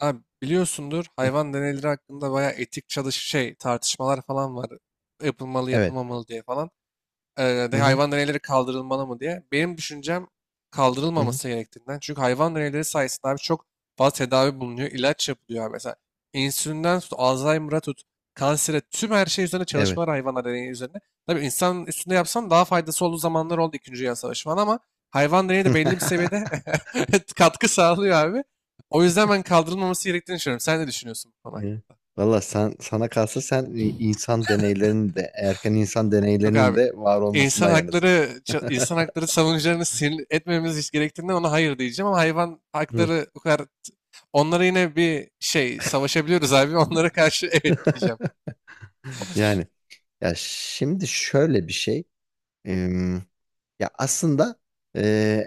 Abi biliyorsundur Hı, hayvan deneyleri hakkında bayağı etik çalış şey tartışmalar falan var. Yapılmalı Evet. yapılmamalı diye falan Hı de hı. hayvan deneyleri kaldırılmalı mı diye. Benim düşüncem Hı hı. kaldırılmaması gerektiğinden. Çünkü hayvan deneyleri sayesinde abi çok fazla tedavi bulunuyor. İlaç yapılıyor abi. Mesela insülinden tut, Alzheimer'a tut, kansere tüm her şey üzerine çalışmalar Evet. hayvanlar deneyi üzerine. Tabii insan üstünde yapsam daha faydası olduğu zamanlar oldu 2. Dünya Savaşı falan ama hayvan deneyi de belli bir seviyede katkı sağlıyor abi. O yüzden ben kaldırılmaması gerektiğini düşünüyorum. Sen ne düşünüyorsun bu konu? Evet. Valla sen, sana kalsa sen insan deneylerinin de erken insan Yok deneylerinin abi. de var İnsan olmasından hakları yanasın. İnsan hakları savunucularını sinir etmememiz hiç gerektiğinden ona hayır diyeceğim ama hayvan Hı. hakları o kadar onlara yine bir şey savaşabiliyoruz abi onlara karşı evet diyeceğim. Yani ya şimdi şöyle bir şey. Em, ya aslında e,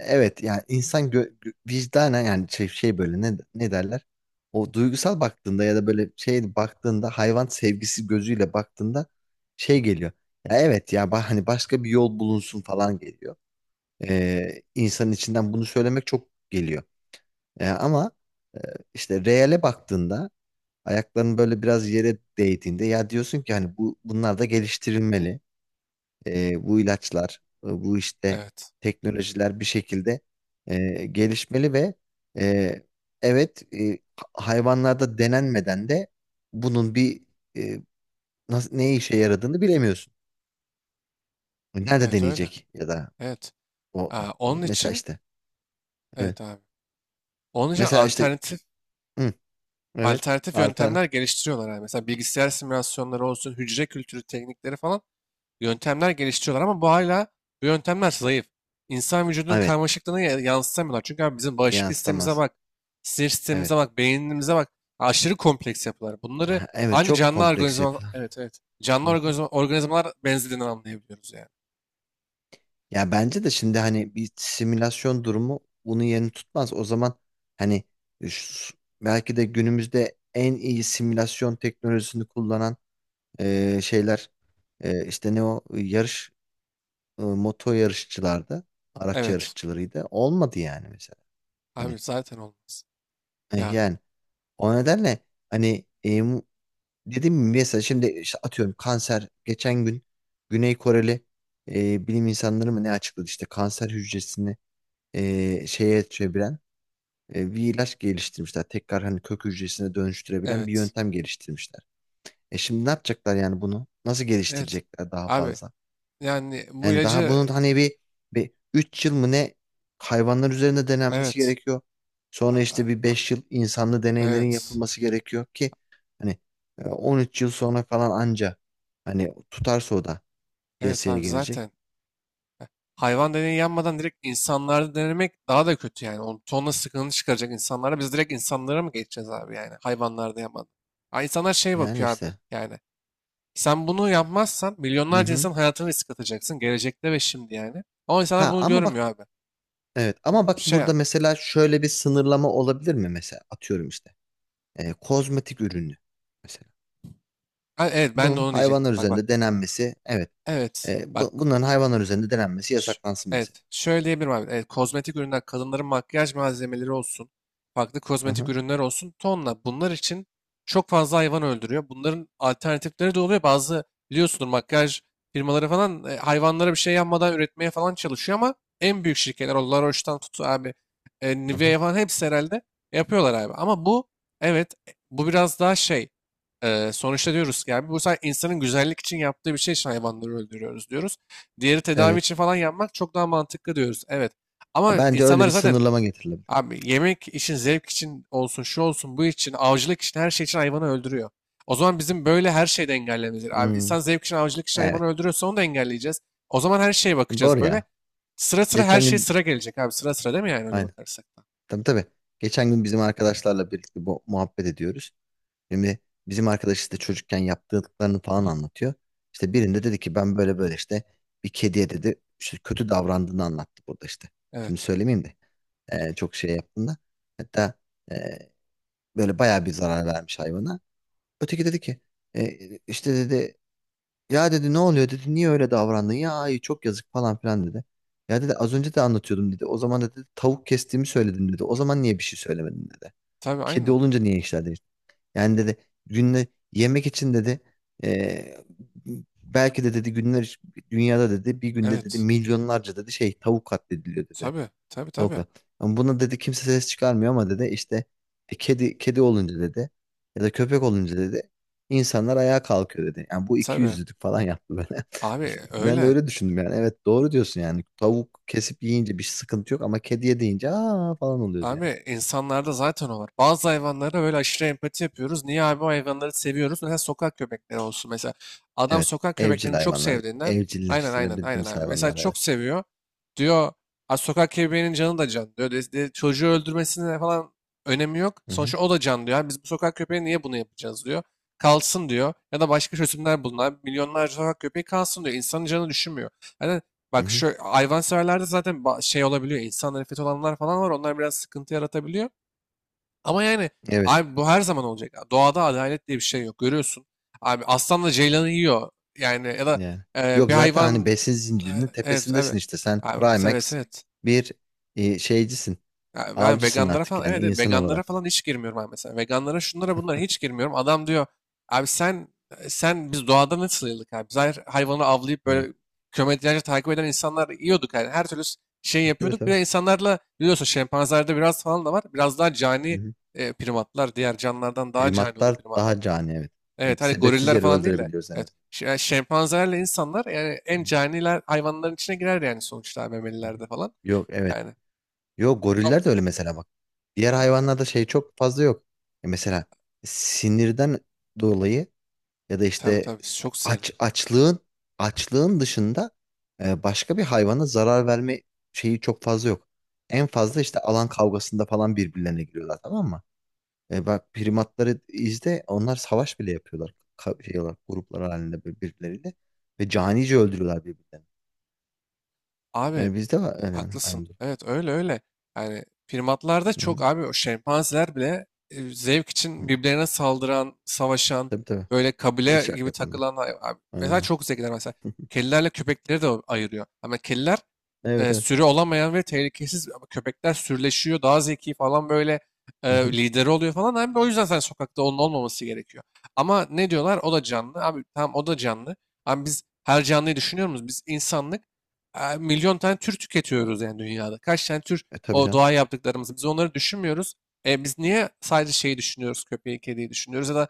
evet yani insan vicdana yani şey böyle ne derler? O duygusal baktığında ya da böyle şey baktığında hayvan sevgisi gözüyle baktığında şey geliyor. Ya evet ya hani başka bir yol bulunsun falan geliyor. İnsanın içinden bunu söylemek çok geliyor. Ama e, işte reale baktığında ayakların böyle biraz yere değdiğinde ya diyorsun ki hani bu bunlar da geliştirilmeli bu ilaçlar, bu işte Evet. teknolojiler bir şekilde gelişmeli ve e, evet hayvanlarda denenmeden de bunun bir e, nasıl, ne işe yaradığını bilemiyorsun. Nerede Evet öyle. deneyecek ya da Evet. o Aa, onun mesela için işte evet. evet abi. Onun için Mesela işte alternatif hı, evet alternatif yöntemler alternatif geliştiriyorlar abi. Mesela bilgisayar simülasyonları olsun, hücre kültürü teknikleri falan yöntemler geliştiriyorlar ama bu hala bu yöntemler zayıf. İnsan vücudunun evet karmaşıklığını yansıtamıyorlar. Çünkü abi bizim bağışıklık sistemimize yansıtamaz. bak, sinir Evet. sistemimize bak, beynimize bak. Aşırı kompleks yapılar. Bunları Ha, Evet ancak çok canlı kompleks organizma, yapılar. evet evet. Canlı Hı hı. organizma, organizmalar benzediğini anlayabiliyoruz yani. Ya bence de şimdi hani bir simülasyon durumu bunun yerini tutmaz. O zaman hani e, şu- belki de günümüzde en iyi simülasyon teknolojisini kullanan şeyler işte ne o yarış moto yarışçılarda araç Evet. yarışçılarıydı. Olmadı yani mesela. Abi Hani zaten olmaz. Ya yani o nedenle hani dedim mi mesela şimdi işte atıyorum kanser geçen gün Güney Koreli bilim insanları mı ne açıkladı işte kanser hücresini şeye çeviren bir ilaç geliştirmişler. Tekrar hani kök hücresine dönüştürebilen bir evet. yöntem geliştirmişler. Şimdi ne yapacaklar yani bunu? Nasıl Evet. geliştirecekler daha Abi fazla? yani bu Yani daha ilacı bunun hani bir, 3 yıl mı ne hayvanlar üzerinde denenmesi evet. gerekiyor. A- Sonra işte a- bir, a- 5 yıl" insanlı deneylerin Evet. yapılması gerekiyor ki hani e, 13 yıl sonra falan anca hani tutarsa o da Evet piyasaya abi gelecek. zaten. Hayvan deneyi yanmadan direkt insanlarda denemek daha da kötü yani. On tonla sıkıntı çıkaracak insanlara. Biz direkt insanlara mı geçeceğiz abi yani? Hayvanlarda yapmadan. Ha, insanlar şey Yani bakıyor abi işte. yani. Sen bunu yapmazsan Hı milyonlarca hı. insan hayatını risk atacaksın. Gelecekte ve şimdi yani. Ama insanlar Ha bunu ama bak görmüyor abi. Evet ama bak Şey burada ya. mesela şöyle bir sınırlama olabilir mi mesela atıyorum işte e, kozmetik ürünü mesela Ha, evet ben de bunun onu diyecektim. hayvanlar Bak bak. üzerinde denenmesi evet Evet. e, Bak. bu- bunların hayvanlar üzerinde denenmesi Ş- yasaklansın mesela. Evet, şöyle diyebilirim abi. Evet, kozmetik ürünler, kadınların makyaj malzemeleri olsun, farklı Hı kozmetik hı, ürünler olsun, tonla. Bunlar için çok fazla hayvan öldürüyor. Bunların alternatifleri de oluyor. Bazı biliyorsunuz makyaj firmaları falan hayvanlara bir şey yapmadan üretmeye falan çalışıyor ama en büyük şirketler, o La Roche'tan tut abi, hı hı. Nivea falan hepsi herhalde yapıyorlar abi. Ama bu, evet, bu biraz daha şey, sonuçta diyoruz ki abi, bu sadece insanın güzellik için yaptığı bir şey için hayvanları öldürüyoruz diyoruz. Diğeri tedavi Evet için falan yapmak çok daha mantıklı diyoruz. Evet. Ha, Ama bence öyle insanlar bir zaten sınırlama getirilebilir. abi yemek için, zevk için olsun, şu olsun, bu için, avcılık için, her şey için hayvanı öldürüyor. O zaman bizim böyle her şeyi de engellememiz gerekiyor. Abi Hmm, insan zevk için, avcılık için hayvanı evet öldürüyorsa onu da engelleyeceğiz. O zaman her şeye doğru bakacağız. Böyle ya sıra sıra her geçen şey gün sıra gelecek abi. Sıra sıra değil mi yani öyle aynen bakarsak da? tabii tabii geçen gün bizim arkadaşlarla birlikte bu muhabbet ediyoruz. Şimdi bizim arkadaş işte çocukken yaptıklarını falan anlatıyor. İşte birinde dedi ki ben böyle böyle işte bir kediye dedi işte kötü davrandığını anlattı burada işte. Şimdi Evet. söylemeyeyim de e, çok şey yaptığında hatta e, böyle bayağı bir zarar vermiş hayvana. Öteki dedi ki e, işte dedi ya dedi ne oluyor dedi niye öyle davrandın ya ay çok yazık falan filan dedi. Ya dedi az önce de anlatıyordum dedi. O zaman da dedi tavuk kestiğimi söyledim dedi. O zaman niye bir şey söylemedin dedi. Tabii Kedi aynen. olunca niye işler yani dedi günde yemek için dedi eee, belki de dedi günler dünyada dedi bir günde dedi Evet. milyonlarca dedi şey tavuk katlediliyor dedi. Tabii. Tabii tabii. Tavuklar. Ama buna dedi kimse ses çıkarmıyor ama dedi işte e, kedi kedi olunca dedi ya da köpek olunca dedi insanlar ayağa kalkıyor dedi. Yani bu iki Tabii. yüzlülük falan yaptı böyle. Abi Ben de öyle. öyle düşündüm yani. Evet doğru diyorsun yani. Tavuk kesip yiyince bir sıkıntı yok ama kediye deyince aa falan oluyoruz yani. Abi insanlarda zaten o var. Bazı hayvanlara böyle aşırı empati yapıyoruz. Niye abi o hayvanları seviyoruz? Mesela sokak köpekleri olsun mesela. Adam Evet. sokak Evcil köpeklerini çok hayvanlar. sevdiğinden aynen aynen aynen Evcilleştirebildiğimiz abi. Mesela hayvanlar çok evet. seviyor. Diyor "Aa, sokak köpeğinin canı da can diyor. Çocuğu öldürmesine falan önemi yok. Hı hı. Sonuçta o da can diyor. "Abi biz bu sokak köpeği niye bunu yapacağız diyor. Kalsın diyor. Ya da başka çözümler bulun. Milyonlarca sokak köpeği kalsın diyor. İnsanın canı düşünmüyor. Yani Hı bak hı. şu hayvanseverlerde zaten olabiliyor. İnsan nefreti olanlar falan var. Onlar biraz sıkıntı yaratabiliyor. Ama yani Evet abi bu her zaman olacak. Doğada adalet diye bir şey yok. Görüyorsun. Abi aslanla ceylanı yiyor. Yani ya da yani. Yok bir zaten hani hayvan. besin Evet, zincirinin evet. Evet, tepesindesin işte. Sen abi, evet, Primax evet. bir e, şeycisin. Ya ben Avcısın veganlara artık falan yani evet, evet insan veganlara olarak. falan hiç girmiyorum abi mesela. Veganlara şunlara bunlara hiç girmiyorum. Adam diyor abi sen biz doğada nasıl yıldık abi? Biz her hayvanı avlayıp Hı. böyle kilometrelerce takip eden insanlar yiyorduk yani. Her türlü şey Tabii yapıyorduk. Bir tabii. de insanlarla biliyorsun şempanzelerde biraz falan da var. Biraz daha Hı cani hı. Primatlar. Diğer canlılardan daha cani oluyor Primatlar primatlar. daha cani evet. Evet hani Sebepsiz goriller yere falan değil de. öldürebiliyoruz en Evet. azından. Yani şempanzelerle insanlar yani Hı en hı. caniler hayvanların içine girer yani sonuçta memelilerde falan. Yok evet. Yani. Yok goriller de öyle mesela bak. Diğer hayvanlarda şey çok fazla yok. E mesela sinirden dolayı ya da Tabii işte tabii s- çok sinirli. aç açlığın açlığın dışında e, başka bir hayvana zarar verme şeyi çok fazla yok. En fazla işte alan kavgasında falan birbirlerine giriyorlar tamam mı? E, bak primatları izle onlar savaş bile yapıyorlar. Ka şey olarak, gruplar halinde bir- birbirleriyle ve canice öldürüyorlar birbirlerini. Abi E, bizde var e, haklısın. aynı durum. Evet öyle öyle. Yani primatlarda Hı çok hı. abi o şempanzeler bile zevk Hı. için birbirlerine saldıran, savaşan, Tabii tabii. böyle kabile Şaka gibi yapan ben. takılan abi. Mesela Aynen. çok zekiler mesela. Kedilerle köpekleri de ayırıyor. Ama kediler Evet evet. sürü olamayan ve tehlikesiz köpekler sürüleşiyor. Daha zeki falan böyle Hı hı. lideri oluyor falan. Abi o yüzden sen sokakta onun olmaması gerekiyor. Ama ne diyorlar? O da canlı. Abi tamam o da canlı. Abi biz her canlıyı düşünüyor muyuz? Biz insanlık milyon tane tür tüketiyoruz yani dünyada. Kaç tane tür E tabii o canım. doğa yaptıklarımız. Biz onları düşünmüyoruz. Biz niye sadece şeyi düşünüyoruz? Köpeği, kediyi düşünüyoruz ya da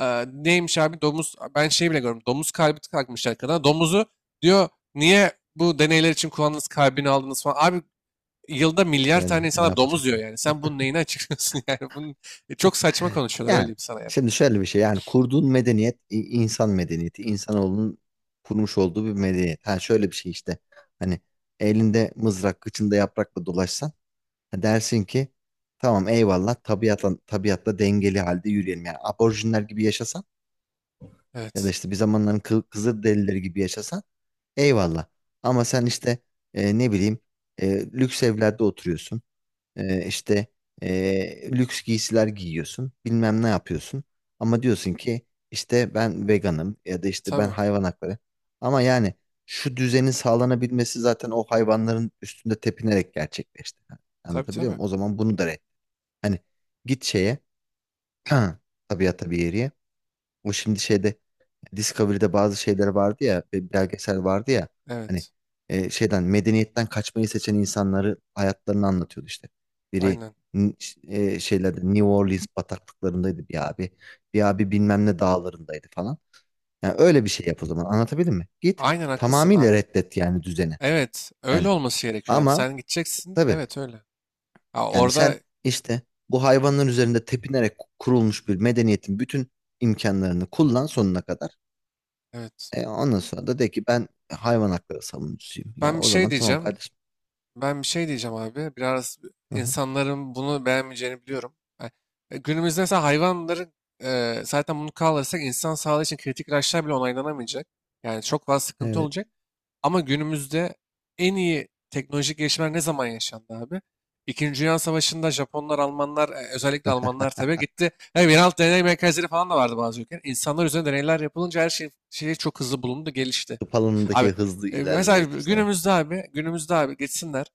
neymiş abi domuz ben şey bile görmüyorum. Domuz kalbi takmışlar kadına. Domuzu diyor niye bu deneyler için kullandınız, kalbini aldınız falan. Abi yılda milyar tane Yani ne insanlar domuz yiyor yapacaktım? yani. Sen bunun neyini açıklıyorsun yani? Bunun, çok saçma konuşuyorlar öyle Yani diyeyim sana yani. şimdi şöyle bir şey yani kurduğun medeniyet i- insan medeniyeti insanoğlunun kurmuş olduğu bir medeniyet. Ha şöyle bir şey işte hani elinde mızrak kıçında yaprakla dolaşsan ha dersin ki tamam eyvallah tabiatla, tabiatla dengeli halde yürüyelim. Yani aborjinler gibi yaşasan ya da Evet. işte bir zamanların kı Kızılderilileri gibi yaşasan eyvallah. Ama sen işte e, ne bileyim e, lüks evlerde oturuyorsun. İşte lüks giysiler giyiyorsun, bilmem ne yapıyorsun. Ama diyorsun ki işte ben veganım ya da işte ben tabii. hayvan hakları. Ama yani şu düzenin sağlanabilmesi zaten o hayvanların üstünde tepinerek gerçekleşti. Tabii Anlatabiliyor tabii. muyum? O zaman bunu da red. Hani git şeye, tabiata bir yeriye. O şimdi şeyde Discovery'de bazı şeyler vardı ya, bir belgesel vardı ya. Hani Evet. e, şeyden medeniyetten kaçmayı seçen insanları hayatlarını anlatıyordu işte. Biri Aynen. n- ş- e, şeylerde New Orleans bataklıklarındaydı bir abi. Bir abi bilmem ne dağlarındaydı falan. Yani öyle bir şey yap o zaman. Anlatabildim mi? Git Aynen haklısın tamamıyla abi. reddet yani düzeni. Evet. Öyle Yani olması gerekiyor abi. ama Sen gideceksin. tabii Evet öyle. Ha, yani sen orada işte bu hayvanların üzerinde tepinerek kurulmuş bir medeniyetin bütün imkanlarını kullan sonuna kadar. evet. E, ondan sonra da de ki ben hayvan hakları savunucusuyum. Yani Ben bir o şey zaman tamam diyeceğim. kardeşim. Ben bir şey diyeceğim abi. Biraz Hı hı. insanların bunu beğenmeyeceğini biliyorum. Ha, günümüzde mesela hayvanların zaten bunu kaldırırsak insan sağlığı için kritik ilaçlar bile onaylanamayacak. Yani çok fazla sıkıntı Evet. olacak. Ama günümüzde en iyi teknolojik gelişmeler ne zaman yaşandı abi? İkinci Dünya Savaşı'nda Japonlar, Almanlar, özellikle Almanlar tabii gitti. Yani yeraltı deney merkezleri falan da vardı bazı ülkeler. İnsanlar üzerine deneyler yapılınca her şey çok hızlı bulundu, gelişti. Tıp Abi alanındaki hızlı mesela ilerlemeyi diyorsun. Evet. günümüzde abi, günümüzde abi gitsinler.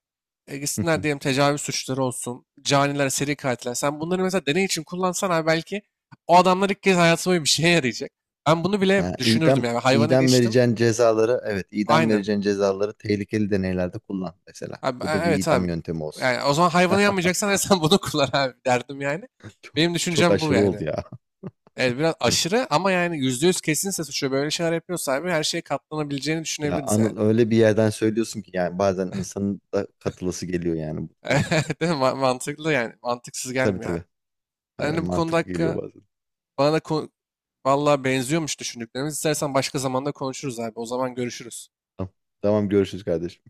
E, Hı gitsinler hı. diyelim tecavüz suçları olsun, caniler, seri katiller. Sen bunları mesela deney için kullansan abi belki o adamlar ilk kez hayatıma bir şeye yarayacak. Ben bunu bile Ha, düşünürdüm idam, yani. Hayvanı idam geçtim. vereceğin cezaları evet idam Aynen. vereceğin cezaları tehlikeli deneylerde kullan mesela. Abi, Bu da bir evet idam abi. yöntemi olsun. Yani o zaman hayvanı yanmayacaksan sen bunu kullan abi derdim yani. Çok, Benim çok düşüncem bu aşırı oldu yani. ya. Evet biraz aşırı ama yani yüzde yüz kesinse suçu böyle şeyler yapıyorsa abi her şeye katlanabileceğini Ya düşünebiliriz yani. Anıl öyle bir yerden söylüyorsun ki yani bazen insanın da katılası geliyor yani bu duruma. Değil mi? Mantıklı yani. Mantıksız Tabii gelmiyor abi. tabii. Aynen Yani bu konuda mantıklı geliyor hakkı bazen. bana da Vallahi benziyormuş düşündüklerimiz. İstersen başka zamanda konuşuruz abi. O zaman görüşürüz. Tamam, tamam görüşürüz kardeşim.